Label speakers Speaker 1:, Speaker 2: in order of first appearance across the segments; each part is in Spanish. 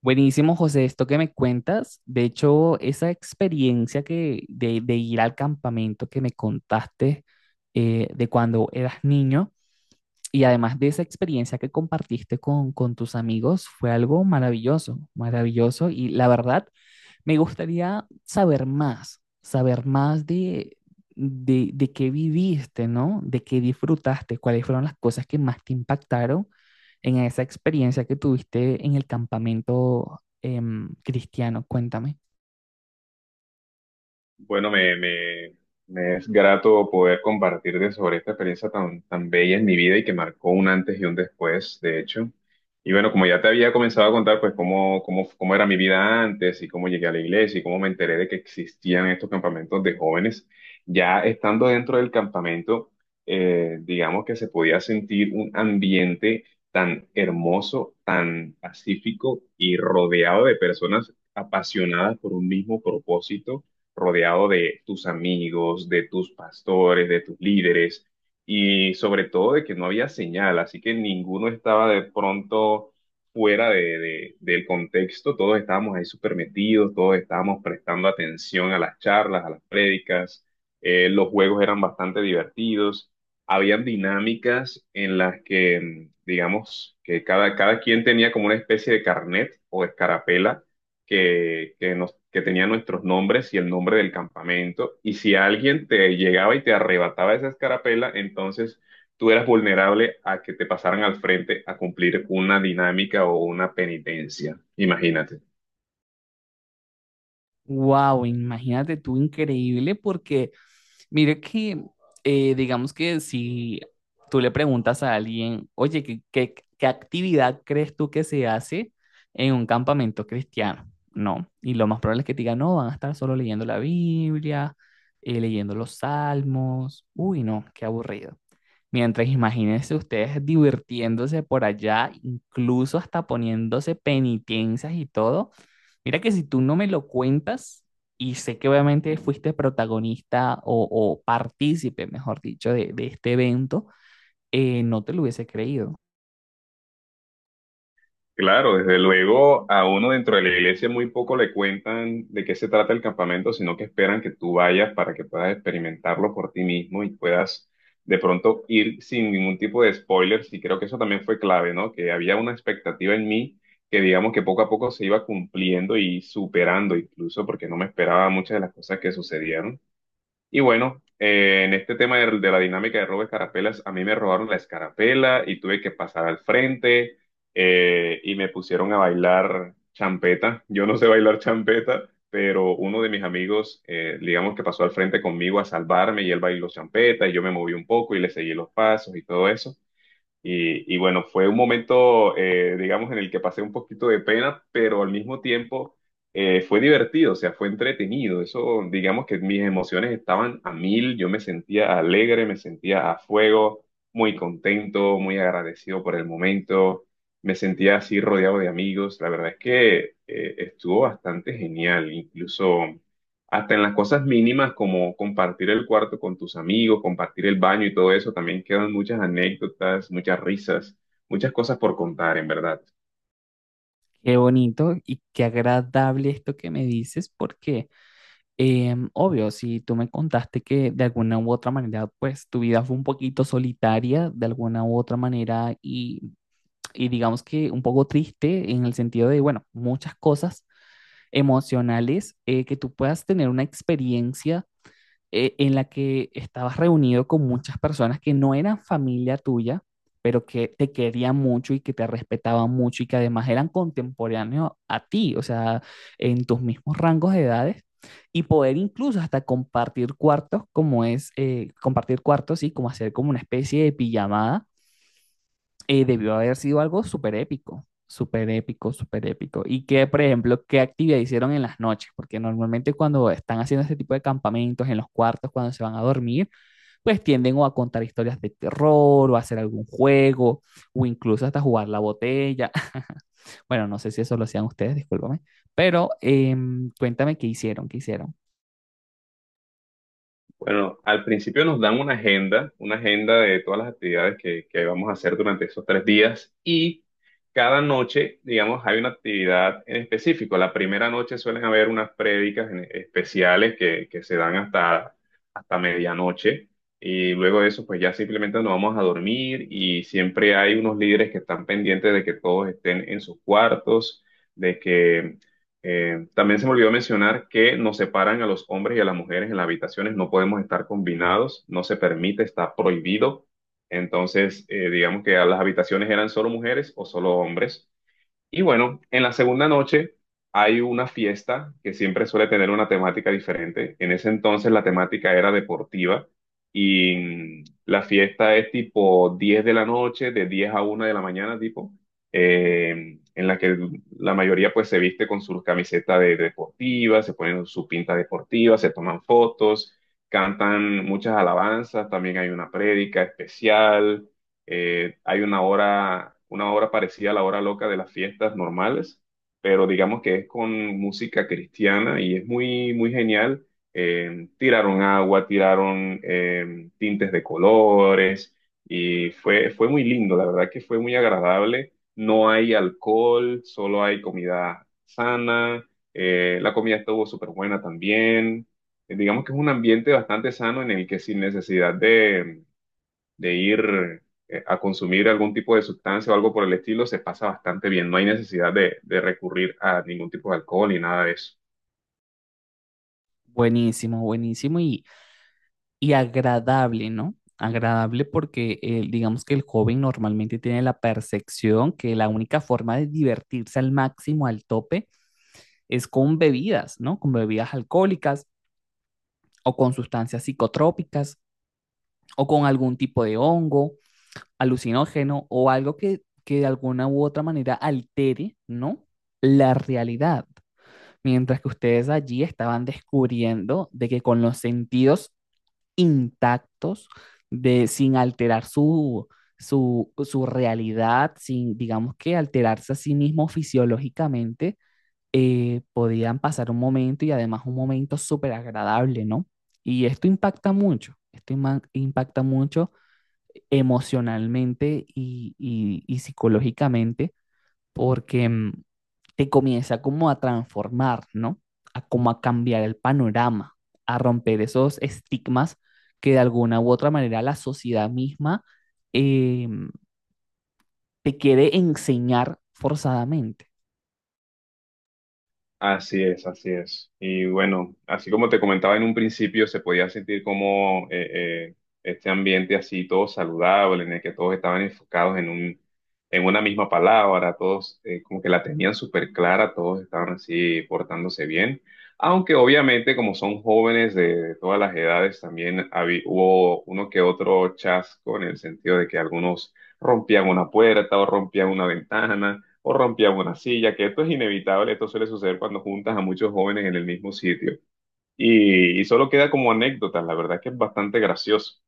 Speaker 1: Buenísimo, José, esto que me cuentas. De hecho, esa experiencia de ir al campamento que me contaste, de cuando eras niño, y además de esa experiencia que compartiste con tus amigos fue algo maravilloso, maravilloso. Y la verdad, me gustaría saber más, de qué viviste, ¿no? De qué disfrutaste, cuáles fueron las cosas que más te impactaron en esa experiencia que tuviste en el campamento, cristiano, cuéntame.
Speaker 2: Bueno, me es grato poder compartirte sobre esta experiencia tan bella en mi vida y que marcó un antes y un después, de hecho. Y bueno, como ya te había comenzado a contar, pues cómo era mi vida antes y cómo llegué a la iglesia y cómo me enteré de que existían estos campamentos de jóvenes, ya estando dentro del campamento, digamos que se podía sentir un ambiente tan hermoso, tan pacífico y rodeado de personas apasionadas por un mismo propósito, rodeado de tus amigos, de tus pastores, de tus líderes y sobre todo de que no había señal, así que ninguno estaba de pronto fuera del contexto. Todos estábamos ahí súper metidos, todos estábamos prestando atención a las charlas, a las prédicas. Los juegos eran bastante divertidos, habían dinámicas en las que, digamos, que cada quien tenía como una especie de carnet o escarapela que tenía nuestros nombres y el nombre del campamento. Y si alguien te llegaba y te arrebataba esa escarapela, entonces tú eras vulnerable a que te pasaran al frente a cumplir una dinámica o una penitencia. Imagínate.
Speaker 1: Wow, imagínate tú, increíble, porque mire digamos que si tú le preguntas a alguien, oye, ¿ qué actividad crees tú que se hace en un campamento cristiano? No, y lo más probable es que te digan, no, van a estar solo leyendo la Biblia, leyendo los salmos, uy, no, qué aburrido. Mientras imagínense ustedes divirtiéndose por allá, incluso hasta poniéndose penitencias y todo. Mira que si tú no me lo cuentas, y sé que obviamente fuiste protagonista o partícipe, mejor dicho, de este evento, no te lo hubiese creído.
Speaker 2: Claro, desde luego a uno dentro de la iglesia muy poco le cuentan de qué se trata el campamento, sino que esperan que tú vayas para que puedas experimentarlo por ti mismo y puedas de pronto ir sin ningún tipo de spoilers. Y creo que eso también fue clave, ¿no? Que había una expectativa en mí que digamos que poco a poco se iba cumpliendo y superando, incluso porque no me esperaba muchas de las cosas que sucedieron. Y bueno, en este tema de la dinámica de robo de escarapelas, a mí me robaron la escarapela y tuve que pasar al frente, y me pusieron a bailar champeta. Yo no sé bailar champeta, pero uno de mis amigos, digamos que pasó al frente conmigo a salvarme, y él bailó champeta y yo me moví un poco y le seguí los pasos y todo eso. Y bueno, fue un momento, digamos, en el que pasé un poquito de pena, pero al mismo tiempo fue divertido, o sea, fue entretenido. Eso, digamos que mis emociones estaban a mil, yo me sentía alegre, me sentía a fuego, muy contento, muy agradecido por el momento, me sentía así rodeado de amigos. La verdad es que estuvo bastante genial, incluso hasta en las cosas mínimas como compartir el cuarto con tus amigos, compartir el baño y todo eso, también quedan muchas anécdotas, muchas risas, muchas cosas por contar, en verdad.
Speaker 1: Qué bonito y qué agradable esto que me dices, porque obvio, si tú me contaste que de alguna u otra manera, pues tu vida fue un poquito solitaria, de alguna u otra manera, y digamos que un poco triste en el sentido de, bueno, muchas cosas emocionales, que tú puedas tener una experiencia, en la que estabas reunido con muchas personas que no eran familia tuya, pero que te querían mucho y que te respetaban mucho y que además eran contemporáneos a ti, o sea, en tus mismos rangos de edades y poder incluso hasta compartir cuartos como es, compartir cuartos y como hacer como una especie de pijamada. Debió haber sido algo súper épico, súper épico, súper épico. Y que, por ejemplo, qué actividad hicieron en las noches, porque normalmente cuando están haciendo este tipo de campamentos en los cuartos, cuando se van a dormir, pues tienden o a contar historias de terror, o a hacer algún juego, o incluso hasta jugar la botella. Bueno, no sé si eso lo hacían ustedes, discúlpame, pero cuéntame qué hicieron, qué hicieron.
Speaker 2: Bueno, al principio nos dan una agenda de todas las actividades que vamos a hacer durante esos 3 días, y cada noche, digamos, hay una actividad en específico. La primera noche suelen haber unas prédicas especiales que se dan hasta, hasta medianoche, y luego de eso, pues ya simplemente nos vamos a dormir, y siempre hay unos líderes que están pendientes de que todos estén en sus cuartos. También se me olvidó mencionar que nos separan a los hombres y a las mujeres en las habitaciones, no podemos estar combinados, no se permite, está prohibido. Entonces, digamos que a las habitaciones eran solo mujeres o solo hombres. Y bueno, en la segunda noche hay una fiesta que siempre suele tener una temática diferente. En ese entonces la temática era deportiva, y la fiesta es tipo 10 de la noche, de 10 a 1 de la mañana, tipo, en la que la mayoría pues se viste con sus camisetas de, deportivas, se ponen su pinta deportiva, se toman fotos, cantan muchas alabanzas, también hay una prédica especial. Hay una hora parecida a la hora loca de las fiestas normales, pero digamos que es con música cristiana y es muy, muy genial. Tiraron agua, tiraron tintes de colores, y fue, fue muy lindo, la verdad que fue muy agradable. No hay alcohol, solo hay comida sana. La comida estuvo súper buena también. Digamos que es un ambiente bastante sano en el que sin necesidad de ir a consumir algún tipo de sustancia o algo por el estilo, se pasa bastante bien. No hay necesidad de recurrir a ningún tipo de alcohol ni nada de eso.
Speaker 1: Buenísimo, buenísimo. Y agradable, ¿no? Agradable porque digamos que el joven normalmente tiene la percepción que la única forma de divertirse al máximo, al tope, es con bebidas, ¿no? Con bebidas alcohólicas o con sustancias psicotrópicas o con algún tipo de hongo, alucinógeno o algo que de alguna u otra manera altere, ¿no? La realidad. Mientras que ustedes allí estaban descubriendo de que con los sentidos intactos, sin alterar su realidad, sin, digamos que alterarse a sí mismo fisiológicamente, podían pasar un momento y además un momento súper agradable, ¿no? Y esto impacta mucho, impacta mucho emocionalmente y psicológicamente porque mm, te comienza como a transformar, ¿no? A como a cambiar el panorama, a romper esos estigmas que de alguna u otra manera la sociedad misma, eh, te quiere enseñar forzadamente.
Speaker 2: Así es, así es. Y bueno, así como te comentaba en un principio, se podía sentir como este ambiente así todo saludable, en el que todos estaban enfocados en una misma palabra, todos como que la tenían súper clara, todos estaban así portándose bien. Aunque obviamente como son jóvenes de todas las edades, también hubo uno que otro chasco en el sentido de que algunos rompían una puerta o rompían una ventana o rompían una silla, que esto es inevitable, esto suele suceder cuando juntas a muchos jóvenes en el mismo sitio. Y solo queda como anécdota, la verdad que es bastante gracioso.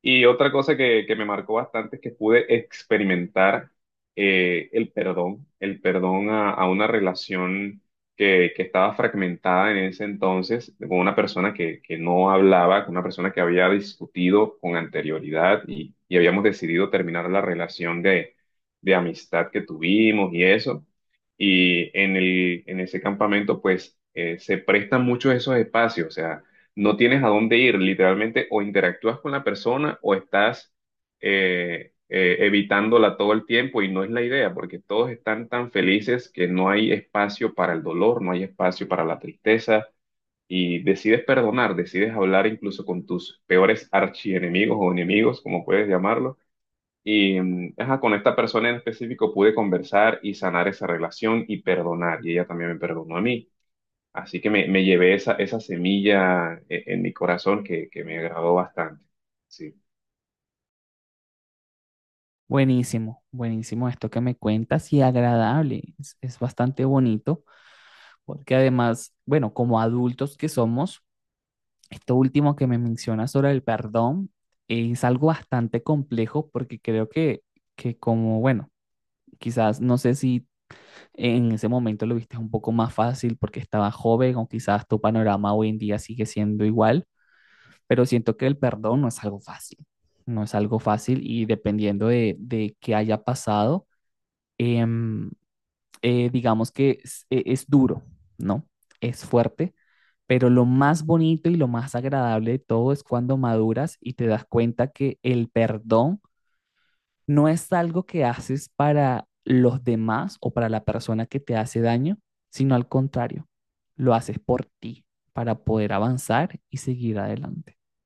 Speaker 2: Y otra cosa que me marcó bastante es que pude experimentar el perdón a una relación que estaba fragmentada en ese entonces, con una persona que no hablaba, con una persona que había discutido con anterioridad, y habíamos decidido terminar la relación de amistad que tuvimos y eso. Y en ese campamento, pues, se prestan muchos esos espacios, o sea, no tienes a dónde ir, literalmente, o interactúas con la persona o estás evitándola todo el tiempo, y no es la idea, porque todos están tan felices que no hay espacio para el dolor, no hay espacio para la tristeza, y decides perdonar, decides hablar incluso con tus peores archienemigos o enemigos, como puedes llamarlo. Y ajá, con esta persona en específico pude conversar y sanar esa relación y perdonar, y ella también me perdonó a mí. Así que me llevé esa, esa semilla en mi corazón que me agradó bastante. Sí.
Speaker 1: Buenísimo, buenísimo esto que me cuentas y agradable, es bastante bonito, porque además, bueno, como adultos que somos, esto último que me mencionas sobre el perdón es algo bastante complejo porque creo que como, bueno, quizás no sé si en ese momento lo viste un poco más fácil porque estaba joven o quizás tu panorama hoy en día sigue siendo igual, pero siento que el perdón no es algo fácil, no es algo fácil y dependiendo de qué haya pasado, em, digamos que es duro, ¿no? Es fuerte, pero lo más bonito y lo más agradable de todo es cuando maduras y te das cuenta que el perdón no es algo que haces para los demás o para la persona que te hace daño, sino al contrario, lo haces por ti, para poder avanzar y seguir adelante.